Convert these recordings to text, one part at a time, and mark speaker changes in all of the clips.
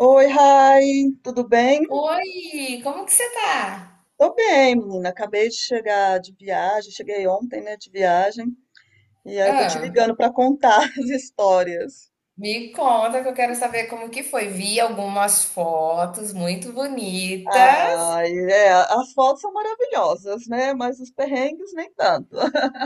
Speaker 1: Oi, Rai, tudo bem?
Speaker 2: Oi, como que você tá?
Speaker 1: Tô bem, menina. Acabei de chegar de viagem, cheguei ontem, né, de viagem, e aí eu tô te
Speaker 2: Ah,
Speaker 1: ligando pra contar as histórias.
Speaker 2: me conta que eu quero saber como que foi. Vi algumas fotos muito bonitas.
Speaker 1: Ai, é, as fotos são maravilhosas, né? Mas os perrengues nem tanto.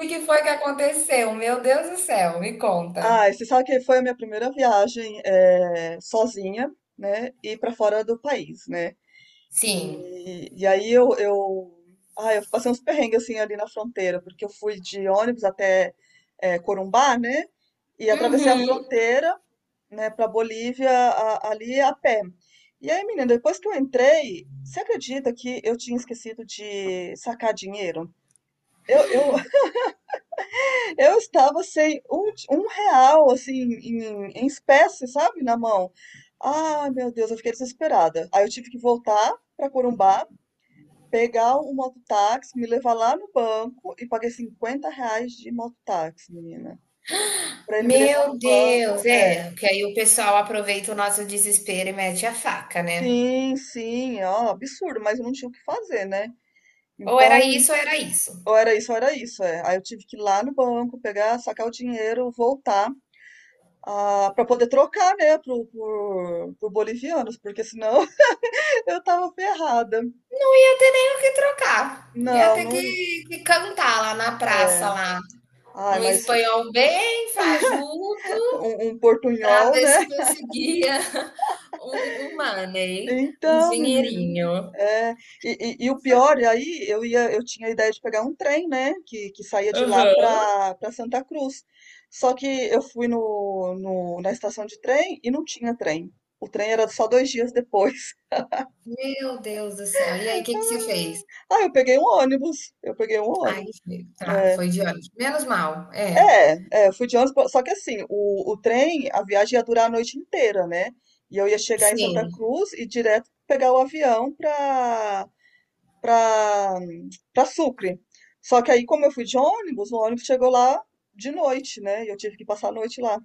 Speaker 2: O que foi que aconteceu? Meu Deus do céu, me conta.
Speaker 1: Ai, você sabe que foi a minha primeira viagem sozinha, né? E pra fora do país, né?
Speaker 2: Sim.
Speaker 1: E aí eu passei uns perrengues assim ali na fronteira, porque eu fui de ônibus até Corumbá, né? E atravessei a
Speaker 2: Uhum.
Speaker 1: fronteira, né, para Bolívia ali a pé. E aí, menina, depois que eu entrei, você acredita que eu tinha esquecido de sacar dinheiro? Eu, eu, eu estava sem um, um real, assim, em espécie, sabe, na mão. Ah, meu Deus, eu fiquei desesperada. Aí eu tive que voltar para Corumbá pegar um mototáxi, me levar lá no banco e paguei R$ 50 de mototáxi, menina. Pra ele me levar no
Speaker 2: Meu
Speaker 1: banco,
Speaker 2: Deus,
Speaker 1: é.
Speaker 2: é, porque aí o pessoal aproveita o nosso desespero e mete a faca, né?
Speaker 1: Sim, sim, ó, absurdo, mas eu não tinha o que fazer, né?
Speaker 2: Ou era
Speaker 1: Então,
Speaker 2: isso ou era isso.
Speaker 1: ou era isso, é. Aí eu tive que ir lá no banco, pegar, sacar o dinheiro, voltar. Ah, para poder trocar, né, pro bolivianos, porque senão eu tava ferrada.
Speaker 2: Não ia ter nem o que trocar. Ia
Speaker 1: Não,
Speaker 2: ter
Speaker 1: não.
Speaker 2: que cantar lá na praça, lá,
Speaker 1: Ai,
Speaker 2: num
Speaker 1: mas
Speaker 2: espanhol bem fajuto.
Speaker 1: um
Speaker 2: Para
Speaker 1: portunhol,
Speaker 2: ver
Speaker 1: né?
Speaker 2: se conseguia um money, um
Speaker 1: Então, menino.
Speaker 2: dinheirinho.
Speaker 1: É, e o pior, eu tinha a ideia de pegar um trem, né, que saía de lá
Speaker 2: Aham.
Speaker 1: para Santa Cruz. Só que eu fui na estação de trem e não tinha trem. O trem era só 2 dias depois.
Speaker 2: Meu Deus do céu. E aí, o que que você fez?
Speaker 1: Ah, eu peguei um ônibus. Eu peguei um
Speaker 2: Ai,
Speaker 1: ônibus.
Speaker 2: foi tá,
Speaker 1: É,
Speaker 2: foi de ônibus. Menos mal, é.
Speaker 1: eu fui de ônibus. Só que assim, o trem, a viagem ia durar a noite inteira, né? E eu ia chegar em Santa
Speaker 2: Sim.
Speaker 1: Cruz e direto pegar o avião para pra, pra Sucre. Só que aí, como eu fui de ônibus, o ônibus chegou lá de noite, né? E eu tive que passar a noite lá.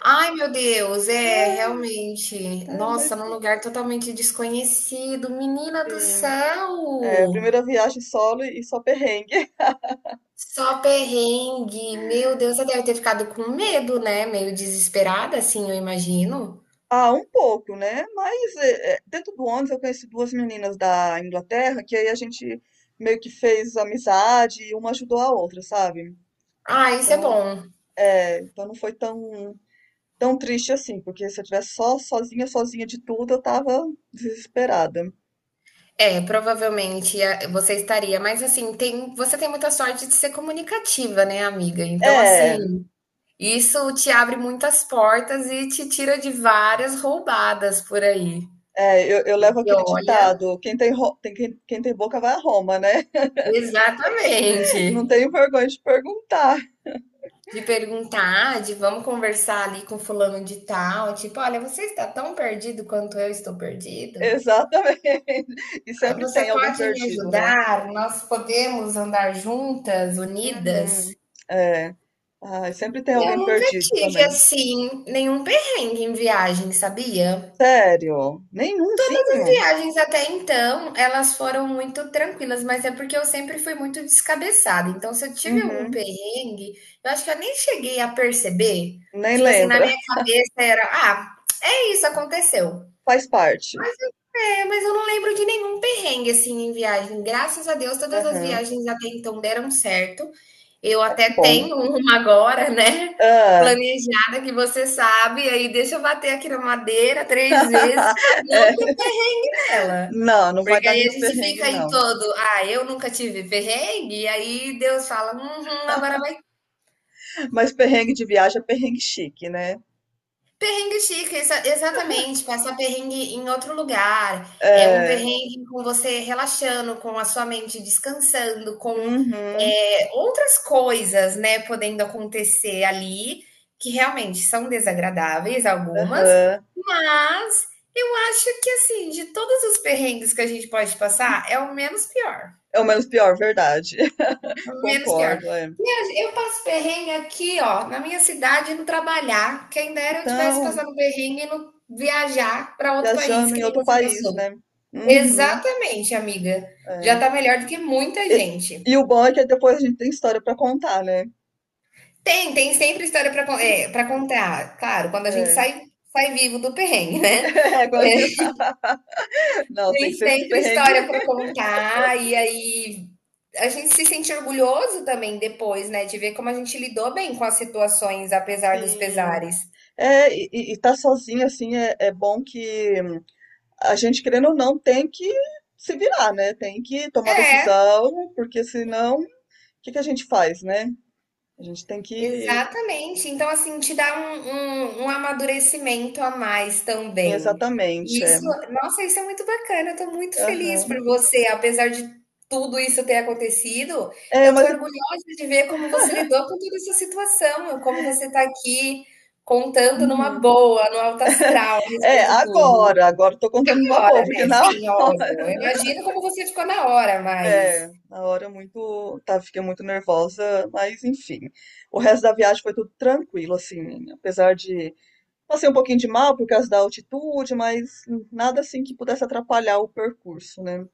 Speaker 2: Ai, meu Deus, é, realmente.
Speaker 1: É, mas
Speaker 2: Nossa, num lugar totalmente desconhecido. Menina do
Speaker 1: enfim,
Speaker 2: céu!
Speaker 1: primeira viagem solo e só perrengue.
Speaker 2: Só perrengue. Meu Deus, você deve ter ficado com medo, né? Meio desesperada, assim, eu imagino.
Speaker 1: Ah, um pouco, né? Mas dentro do ônibus eu conheci duas meninas da Inglaterra que aí a gente meio que fez amizade e uma ajudou a outra, sabe?
Speaker 2: Ah, isso é
Speaker 1: Então,
Speaker 2: bom.
Speaker 1: então não foi tão triste assim, porque se eu tivesse só sozinha, sozinha de tudo, eu tava desesperada.
Speaker 2: É, provavelmente a- você estaria, mas assim, tem, você tem muita sorte de ser comunicativa, né, amiga? Então,
Speaker 1: É,
Speaker 2: assim, isso te abre muitas portas e te tira de várias roubadas por aí.
Speaker 1: É, eu levo
Speaker 2: E
Speaker 1: aquele
Speaker 2: olha,
Speaker 1: ditado, quem tem, ro- tem quem, quem tem boca vai a Roma, né?
Speaker 2: exatamente.
Speaker 1: Não tenho vergonha de perguntar.
Speaker 2: De perguntar, de vamos conversar ali com fulano de tal, tipo, olha, você está tão perdido quanto eu estou perdido?
Speaker 1: Exatamente. E sempre
Speaker 2: Você
Speaker 1: tem alguém
Speaker 2: pode me
Speaker 1: perdido, né?
Speaker 2: ajudar? Nós podemos andar juntas, unidas?
Speaker 1: Uhum. É. Ai, sempre tem
Speaker 2: Eu
Speaker 1: alguém
Speaker 2: nunca
Speaker 1: perdido
Speaker 2: tive,
Speaker 1: também.
Speaker 2: assim, nenhum perrengue em viagem, sabia?
Speaker 1: Sério? Nenhumzinho?
Speaker 2: Viagens até então, elas foram muito tranquilas, mas é porque eu sempre fui muito descabeçada. Então, se eu tive algum
Speaker 1: Uhum.
Speaker 2: perrengue, eu acho que eu nem cheguei a perceber.
Speaker 1: Nem
Speaker 2: Tipo assim, na
Speaker 1: lembra.
Speaker 2: minha cabeça era: ah, é isso, aconteceu.
Speaker 1: Faz parte.
Speaker 2: É, mas eu não lembro de nenhum perrengue assim em viagem. Graças a Deus, todas as
Speaker 1: Aham.
Speaker 2: viagens até então deram certo. Eu
Speaker 1: Ai, que
Speaker 2: até
Speaker 1: bom.
Speaker 2: tenho uma agora, né?
Speaker 1: Ah.
Speaker 2: Planejada, que você sabe, aí deixa eu bater aqui na madeira três vezes para não
Speaker 1: É.
Speaker 2: ter ela.
Speaker 1: Não, não vai
Speaker 2: Porque
Speaker 1: dar
Speaker 2: aí a
Speaker 1: nenhum
Speaker 2: gente
Speaker 1: perrengue,
Speaker 2: fica aí
Speaker 1: não.
Speaker 2: todo: ah, eu nunca tive perrengue, e aí Deus fala: uhum, agora vai.
Speaker 1: Mas perrengue de viagem é perrengue chique, né?
Speaker 2: Perrengue chique, exatamente, passar perrengue em outro lugar é um
Speaker 1: É.
Speaker 2: perrengue com você relaxando, com a sua mente descansando, com,
Speaker 1: Uhum.
Speaker 2: outras coisas, né, podendo acontecer ali, que realmente são desagradáveis algumas,
Speaker 1: Aham.
Speaker 2: mas eu acho que, assim, de todos os perrengues que a gente pode passar, é o menos pior,
Speaker 1: É o menos pior, verdade.
Speaker 2: menos pior.
Speaker 1: Concordo, é.
Speaker 2: E eu passo perrengue aqui, ó, na minha cidade, no trabalhar. Quem dera eu tivesse
Speaker 1: Então,
Speaker 2: passado um perrengue no viajar para outro país,
Speaker 1: viajando
Speaker 2: que
Speaker 1: em
Speaker 2: nem
Speaker 1: outro
Speaker 2: você
Speaker 1: país,
Speaker 2: passou.
Speaker 1: né? Uhum,
Speaker 2: Exatamente, amiga. Já
Speaker 1: é.
Speaker 2: tá melhor do que muita
Speaker 1: E,
Speaker 2: gente.
Speaker 1: e o bom é que depois a gente tem história pra contar, né?
Speaker 2: Tem, tem sempre história para é, para contar. Claro, quando a gente
Speaker 1: É.
Speaker 2: sai, sai vivo do perrengue, né?
Speaker 1: É, agora-
Speaker 2: É,
Speaker 1: Não, tem
Speaker 2: tem
Speaker 1: que ser esses
Speaker 2: sempre
Speaker 1: perrengues.
Speaker 2: história para contar, e aí a gente se sente orgulhoso também depois, né, de ver como a gente lidou bem com as situações, apesar dos
Speaker 1: Sim.
Speaker 2: pesares.
Speaker 1: É, e tá sozinho, assim, é bom que a gente, querendo ou não, tem que se virar, né? Tem que tomar
Speaker 2: É,
Speaker 1: decisão, porque senão, o que que a gente faz, né? A gente tem que.
Speaker 2: exatamente. Então, assim, te dá um amadurecimento a mais também. E
Speaker 1: Exatamente, é.
Speaker 2: isso, nossa, isso é muito bacana, eu tô muito feliz
Speaker 1: Aham.
Speaker 2: por você, apesar de tudo isso ter acontecido,
Speaker 1: É,
Speaker 2: eu tô
Speaker 1: mas
Speaker 2: orgulhosa de ver como você lidou com toda essa situação, como você tá aqui contando numa
Speaker 1: Uhum.
Speaker 2: boa, no alto astral a
Speaker 1: É,
Speaker 2: respeito de tudo.
Speaker 1: agora eu tô contando
Speaker 2: Na
Speaker 1: numa boa,
Speaker 2: hora,
Speaker 1: porque
Speaker 2: né,
Speaker 1: na hora,
Speaker 2: sim, óbvio, eu imagino como você ficou na hora, mas
Speaker 1: na hora muito, tá, fiquei muito nervosa, mas enfim. O resto da viagem foi tudo tranquilo, assim, apesar de passei um pouquinho de mal por causa da altitude, mas nada assim que pudesse atrapalhar o percurso, né?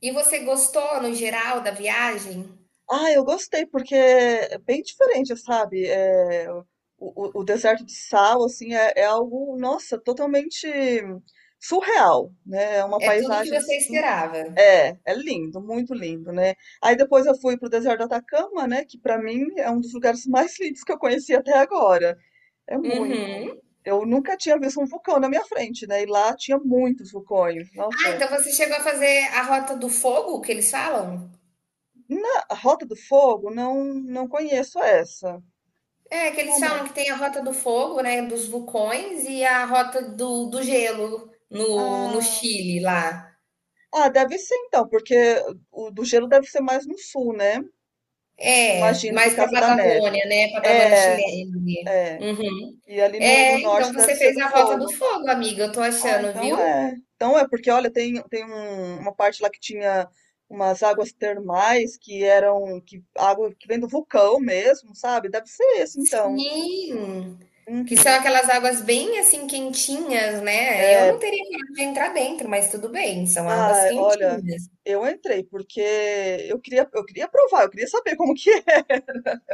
Speaker 2: e você gostou no geral da viagem?
Speaker 1: Ah, eu gostei, porque é bem diferente, sabe? O deserto de sal, assim, é algo, nossa, totalmente surreal, né? É uma
Speaker 2: É tudo o que
Speaker 1: paisagem,
Speaker 2: você
Speaker 1: assim,
Speaker 2: esperava.
Speaker 1: é lindo, muito lindo, né? Aí depois eu fui pro deserto do Atacama, né? Que pra mim é um dos lugares mais lindos que eu conheci até agora. É muito.
Speaker 2: Uhum.
Speaker 1: Eu nunca tinha visto um vulcão na minha frente, né? E lá tinha muitos vulcões.
Speaker 2: Ah,
Speaker 1: Nossa,
Speaker 2: então você chegou a fazer a Rota do Fogo, que eles falam?
Speaker 1: na Rota do Fogo, não, não conheço essa.
Speaker 2: É, que eles
Speaker 1: Como?
Speaker 2: falam que tem a Rota do Fogo, né, dos vulcões, e a Rota do, do Gelo no, no
Speaker 1: Ah.
Speaker 2: Chile, lá.
Speaker 1: Ah, deve ser então, porque o do gelo deve ser mais no sul, né?
Speaker 2: É,
Speaker 1: Imagino, por
Speaker 2: mais pra
Speaker 1: causa da neve.
Speaker 2: Patagônia, né, Patagônia
Speaker 1: É,
Speaker 2: chilene.
Speaker 1: é.
Speaker 2: Uhum.
Speaker 1: E ali no
Speaker 2: É, então
Speaker 1: norte deve
Speaker 2: você
Speaker 1: ser
Speaker 2: fez
Speaker 1: do
Speaker 2: a Rota do
Speaker 1: fogo.
Speaker 2: Fogo, amiga, eu tô
Speaker 1: Ah,
Speaker 2: achando,
Speaker 1: então
Speaker 2: viu?
Speaker 1: é. Então é, porque olha, tem uma parte lá que tinha umas águas termais que eram, que, água que vem do vulcão mesmo, sabe? Deve ser esse então.
Speaker 2: Sim, que são
Speaker 1: Uhum.
Speaker 2: aquelas águas bem, assim, quentinhas, né? Eu
Speaker 1: É,
Speaker 2: não teria coragem de entrar dentro, mas tudo bem, são águas
Speaker 1: olha,
Speaker 2: quentinhas.
Speaker 1: eu entrei porque eu queria provar, eu queria saber como que.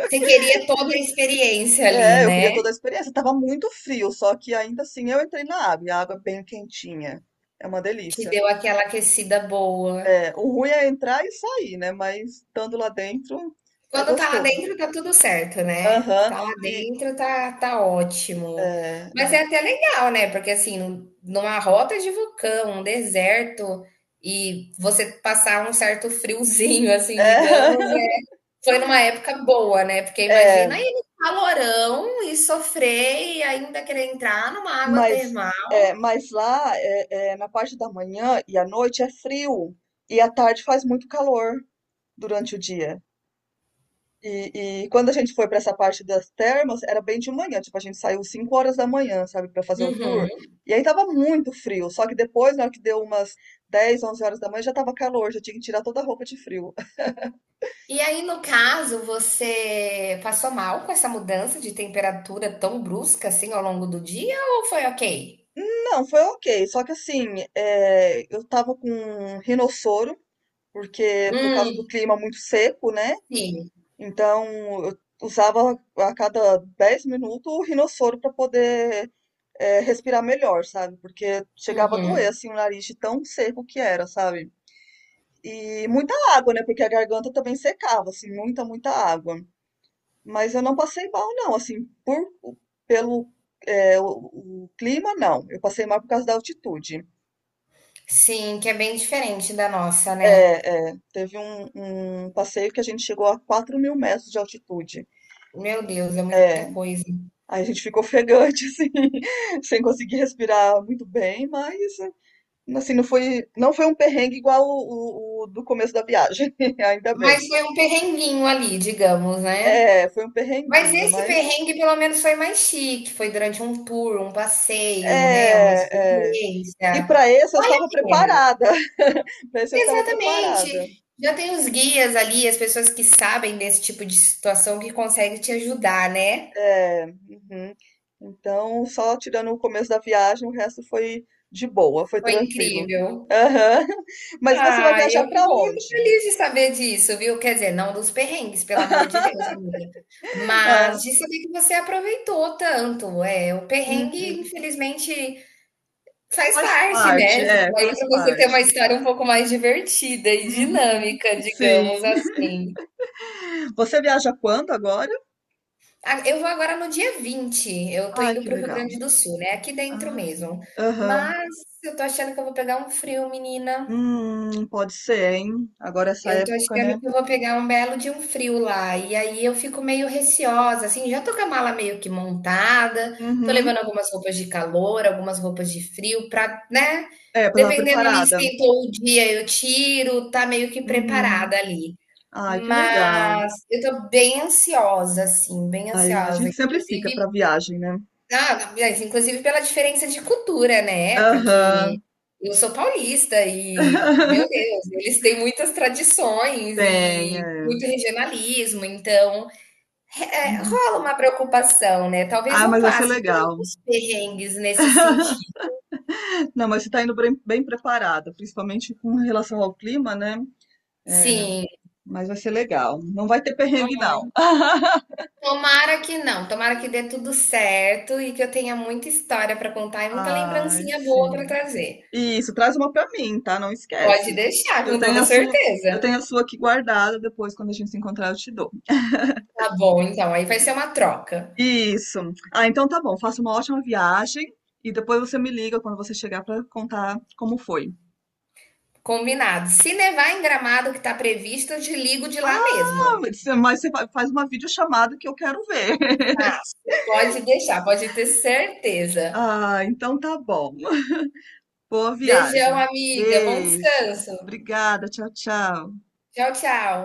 Speaker 2: Você queria toda a experiência ali,
Speaker 1: É, eu queria
Speaker 2: né,
Speaker 1: toda a experiência. Tava muito frio, só que ainda assim eu entrei na água, e a água é bem quentinha. É uma
Speaker 2: que
Speaker 1: delícia.
Speaker 2: deu aquela aquecida boa.
Speaker 1: É, o ruim é entrar e sair, né? Mas estando lá dentro é
Speaker 2: Quando tá lá
Speaker 1: gostoso.
Speaker 2: dentro tá tudo certo, né,
Speaker 1: Aham.
Speaker 2: tá lá
Speaker 1: E
Speaker 2: dentro tá tá ótimo.
Speaker 1: é,
Speaker 2: Mas
Speaker 1: é,
Speaker 2: é até legal, né, porque assim, num- numa rota de vulcão, um deserto, e você passar um certo friozinho, assim, digamos, foi numa época boa, né, porque
Speaker 1: é, é,
Speaker 2: imagina ir no calorão e sofrer e ainda querer entrar numa água
Speaker 1: mas
Speaker 2: termal.
Speaker 1: mas lá na parte da manhã e à noite é frio e à tarde faz muito calor durante o dia. E quando a gente foi para essa parte das termas, era bem de manhã, tipo, a gente saiu 5 horas da manhã, sabe, para fazer o
Speaker 2: Uhum.
Speaker 1: tour. E aí tava muito frio, só que depois, na hora que deu umas 10, 11 horas da manhã, já tava calor, já tinha que tirar toda a roupa de frio.
Speaker 2: E aí, no caso, você passou mal com essa mudança de temperatura tão brusca assim ao longo do dia ou foi ok?
Speaker 1: Não, foi ok, só que assim, eu tava com um rinossoro, porque por causa do
Speaker 2: Hum,
Speaker 1: clima muito seco, né?
Speaker 2: sim.
Speaker 1: Então eu usava a cada 10 minutos o rinossoro para poder respirar melhor, sabe? Porque chegava a doer
Speaker 2: Uhum.
Speaker 1: assim o nariz de tão seco que era, sabe? E muita água, né? Porque a garganta também secava, assim, muita, muita água. Mas eu não passei mal, não, assim, pelo o clima, não. Eu passei mal por causa da altitude.
Speaker 2: Sim, que é bem diferente da nossa, né?
Speaker 1: Teve um, passeio que a gente chegou a 4.000 metros de altitude.
Speaker 2: Meu Deus, é
Speaker 1: É,
Speaker 2: muita coisa.
Speaker 1: aí a gente ficou ofegante, assim, sem conseguir respirar muito bem, mas Assim, não foi um perrengue igual o, o do começo da viagem, ainda
Speaker 2: Mas
Speaker 1: bem.
Speaker 2: foi um perrenguinho ali, digamos, né?
Speaker 1: É, foi um
Speaker 2: Mas
Speaker 1: perrenguinho,
Speaker 2: esse
Speaker 1: mas
Speaker 2: perrengue pelo menos foi mais chique, foi durante um tour, um passeio, né, uma
Speaker 1: é, é. E
Speaker 2: experiência.
Speaker 1: para esse eu
Speaker 2: Vale
Speaker 1: estava
Speaker 2: a pena.
Speaker 1: preparada. Para esse eu estava preparada.
Speaker 2: Exatamente. Já tem os guias ali, as pessoas que sabem desse tipo de situação que conseguem te ajudar, né?
Speaker 1: É, uhum. Então, só tirando o começo da viagem, o resto foi de boa, foi
Speaker 2: Foi
Speaker 1: tranquilo.
Speaker 2: incrível.
Speaker 1: Mas você vai
Speaker 2: Ah,
Speaker 1: viajar
Speaker 2: eu
Speaker 1: para
Speaker 2: fico muito
Speaker 1: onde?
Speaker 2: feliz de saber disso, viu? Quer dizer, não dos perrengues, pelo amor de Deus, amiga.
Speaker 1: Ah,
Speaker 2: Mas de saber que você aproveitou tanto. É, o
Speaker 1: uhum.
Speaker 2: perrengue, infelizmente, faz
Speaker 1: Faz
Speaker 2: parte,
Speaker 1: parte,
Speaker 2: né? Ficou aí
Speaker 1: faz
Speaker 2: para você ter uma
Speaker 1: parte.
Speaker 2: história um pouco mais divertida e
Speaker 1: Uhum,
Speaker 2: dinâmica,
Speaker 1: sim.
Speaker 2: digamos assim.
Speaker 1: Você viaja quando agora?
Speaker 2: Ah, eu vou agora no dia 20. Eu tô
Speaker 1: Ai,
Speaker 2: indo
Speaker 1: que
Speaker 2: para o Rio
Speaker 1: legal.
Speaker 2: Grande do Sul, né, aqui dentro
Speaker 1: Ah,
Speaker 2: mesmo.
Speaker 1: aham.
Speaker 2: Mas eu tô achando que eu vou pegar um frio, menina.
Speaker 1: Pode ser, hein? Agora é essa
Speaker 2: Eu tô
Speaker 1: época,
Speaker 2: achando
Speaker 1: né?
Speaker 2: que eu vou pegar um belo de um frio lá. E aí eu fico meio receosa, assim. Já tô com a mala meio que montada, tô
Speaker 1: Uhum.
Speaker 2: levando algumas roupas de calor, algumas roupas de frio, pra, né?
Speaker 1: É, pra estar
Speaker 2: Dependendo ali,
Speaker 1: preparada.
Speaker 2: esquentou o dia, eu tiro, tá meio que
Speaker 1: Uhum.
Speaker 2: preparada ali.
Speaker 1: Ai, que legal.
Speaker 2: Mas eu tô bem ansiosa, assim, bem
Speaker 1: Ai, gente, a
Speaker 2: ansiosa.
Speaker 1: gente sempre fica
Speaker 2: Inclusive,
Speaker 1: pra viagem, né?
Speaker 2: ah, mas inclusive pela diferença de cultura, né, porque
Speaker 1: Aham.
Speaker 2: eu sou paulista e, meu Deus, eles têm muitas tradições
Speaker 1: Tem,
Speaker 2: e
Speaker 1: é.
Speaker 2: muito regionalismo, então,
Speaker 1: Uhum.
Speaker 2: rola uma preocupação, né, talvez
Speaker 1: Ah,
Speaker 2: eu
Speaker 1: mas vai ser
Speaker 2: passe por
Speaker 1: legal.
Speaker 2: alguns perrengues nesse sentido.
Speaker 1: Não, mas você tá indo bem, bem preparada, principalmente com relação ao clima, né?
Speaker 2: Sim,
Speaker 1: Mas vai ser legal. Não vai ter perrengue, não.
Speaker 2: ai, tomara que não, tomara que dê tudo certo e que eu tenha muita história para contar e muita
Speaker 1: Ai,
Speaker 2: lembrancinha boa para
Speaker 1: sim.
Speaker 2: trazer.
Speaker 1: Isso, traz uma pra mim, tá? Não
Speaker 2: Pode
Speaker 1: esquece.
Speaker 2: deixar,
Speaker 1: Eu
Speaker 2: com
Speaker 1: tenho
Speaker 2: toda
Speaker 1: a sua, eu
Speaker 2: certeza.
Speaker 1: tenho a sua aqui guardada, depois quando a gente se encontrar eu te dou.
Speaker 2: Tá bom, então, aí vai ser uma troca.
Speaker 1: Isso. Ah, então tá bom. Faça uma ótima viagem e depois você me liga quando você chegar pra contar como foi.
Speaker 2: Combinado. Se nevar em Gramado, que tá previsto, eu te ligo de lá
Speaker 1: Ah,
Speaker 2: mesmo.
Speaker 1: mas você faz uma videochamada que eu quero ver.
Speaker 2: Pode deixar, pode ter certeza.
Speaker 1: Ah, então tá bom. Boa
Speaker 2: Beijão,
Speaker 1: viagem.
Speaker 2: amiga. Bom
Speaker 1: Beijo.
Speaker 2: descanso.
Speaker 1: Obrigada. Tchau, tchau.
Speaker 2: Tchau, tchau.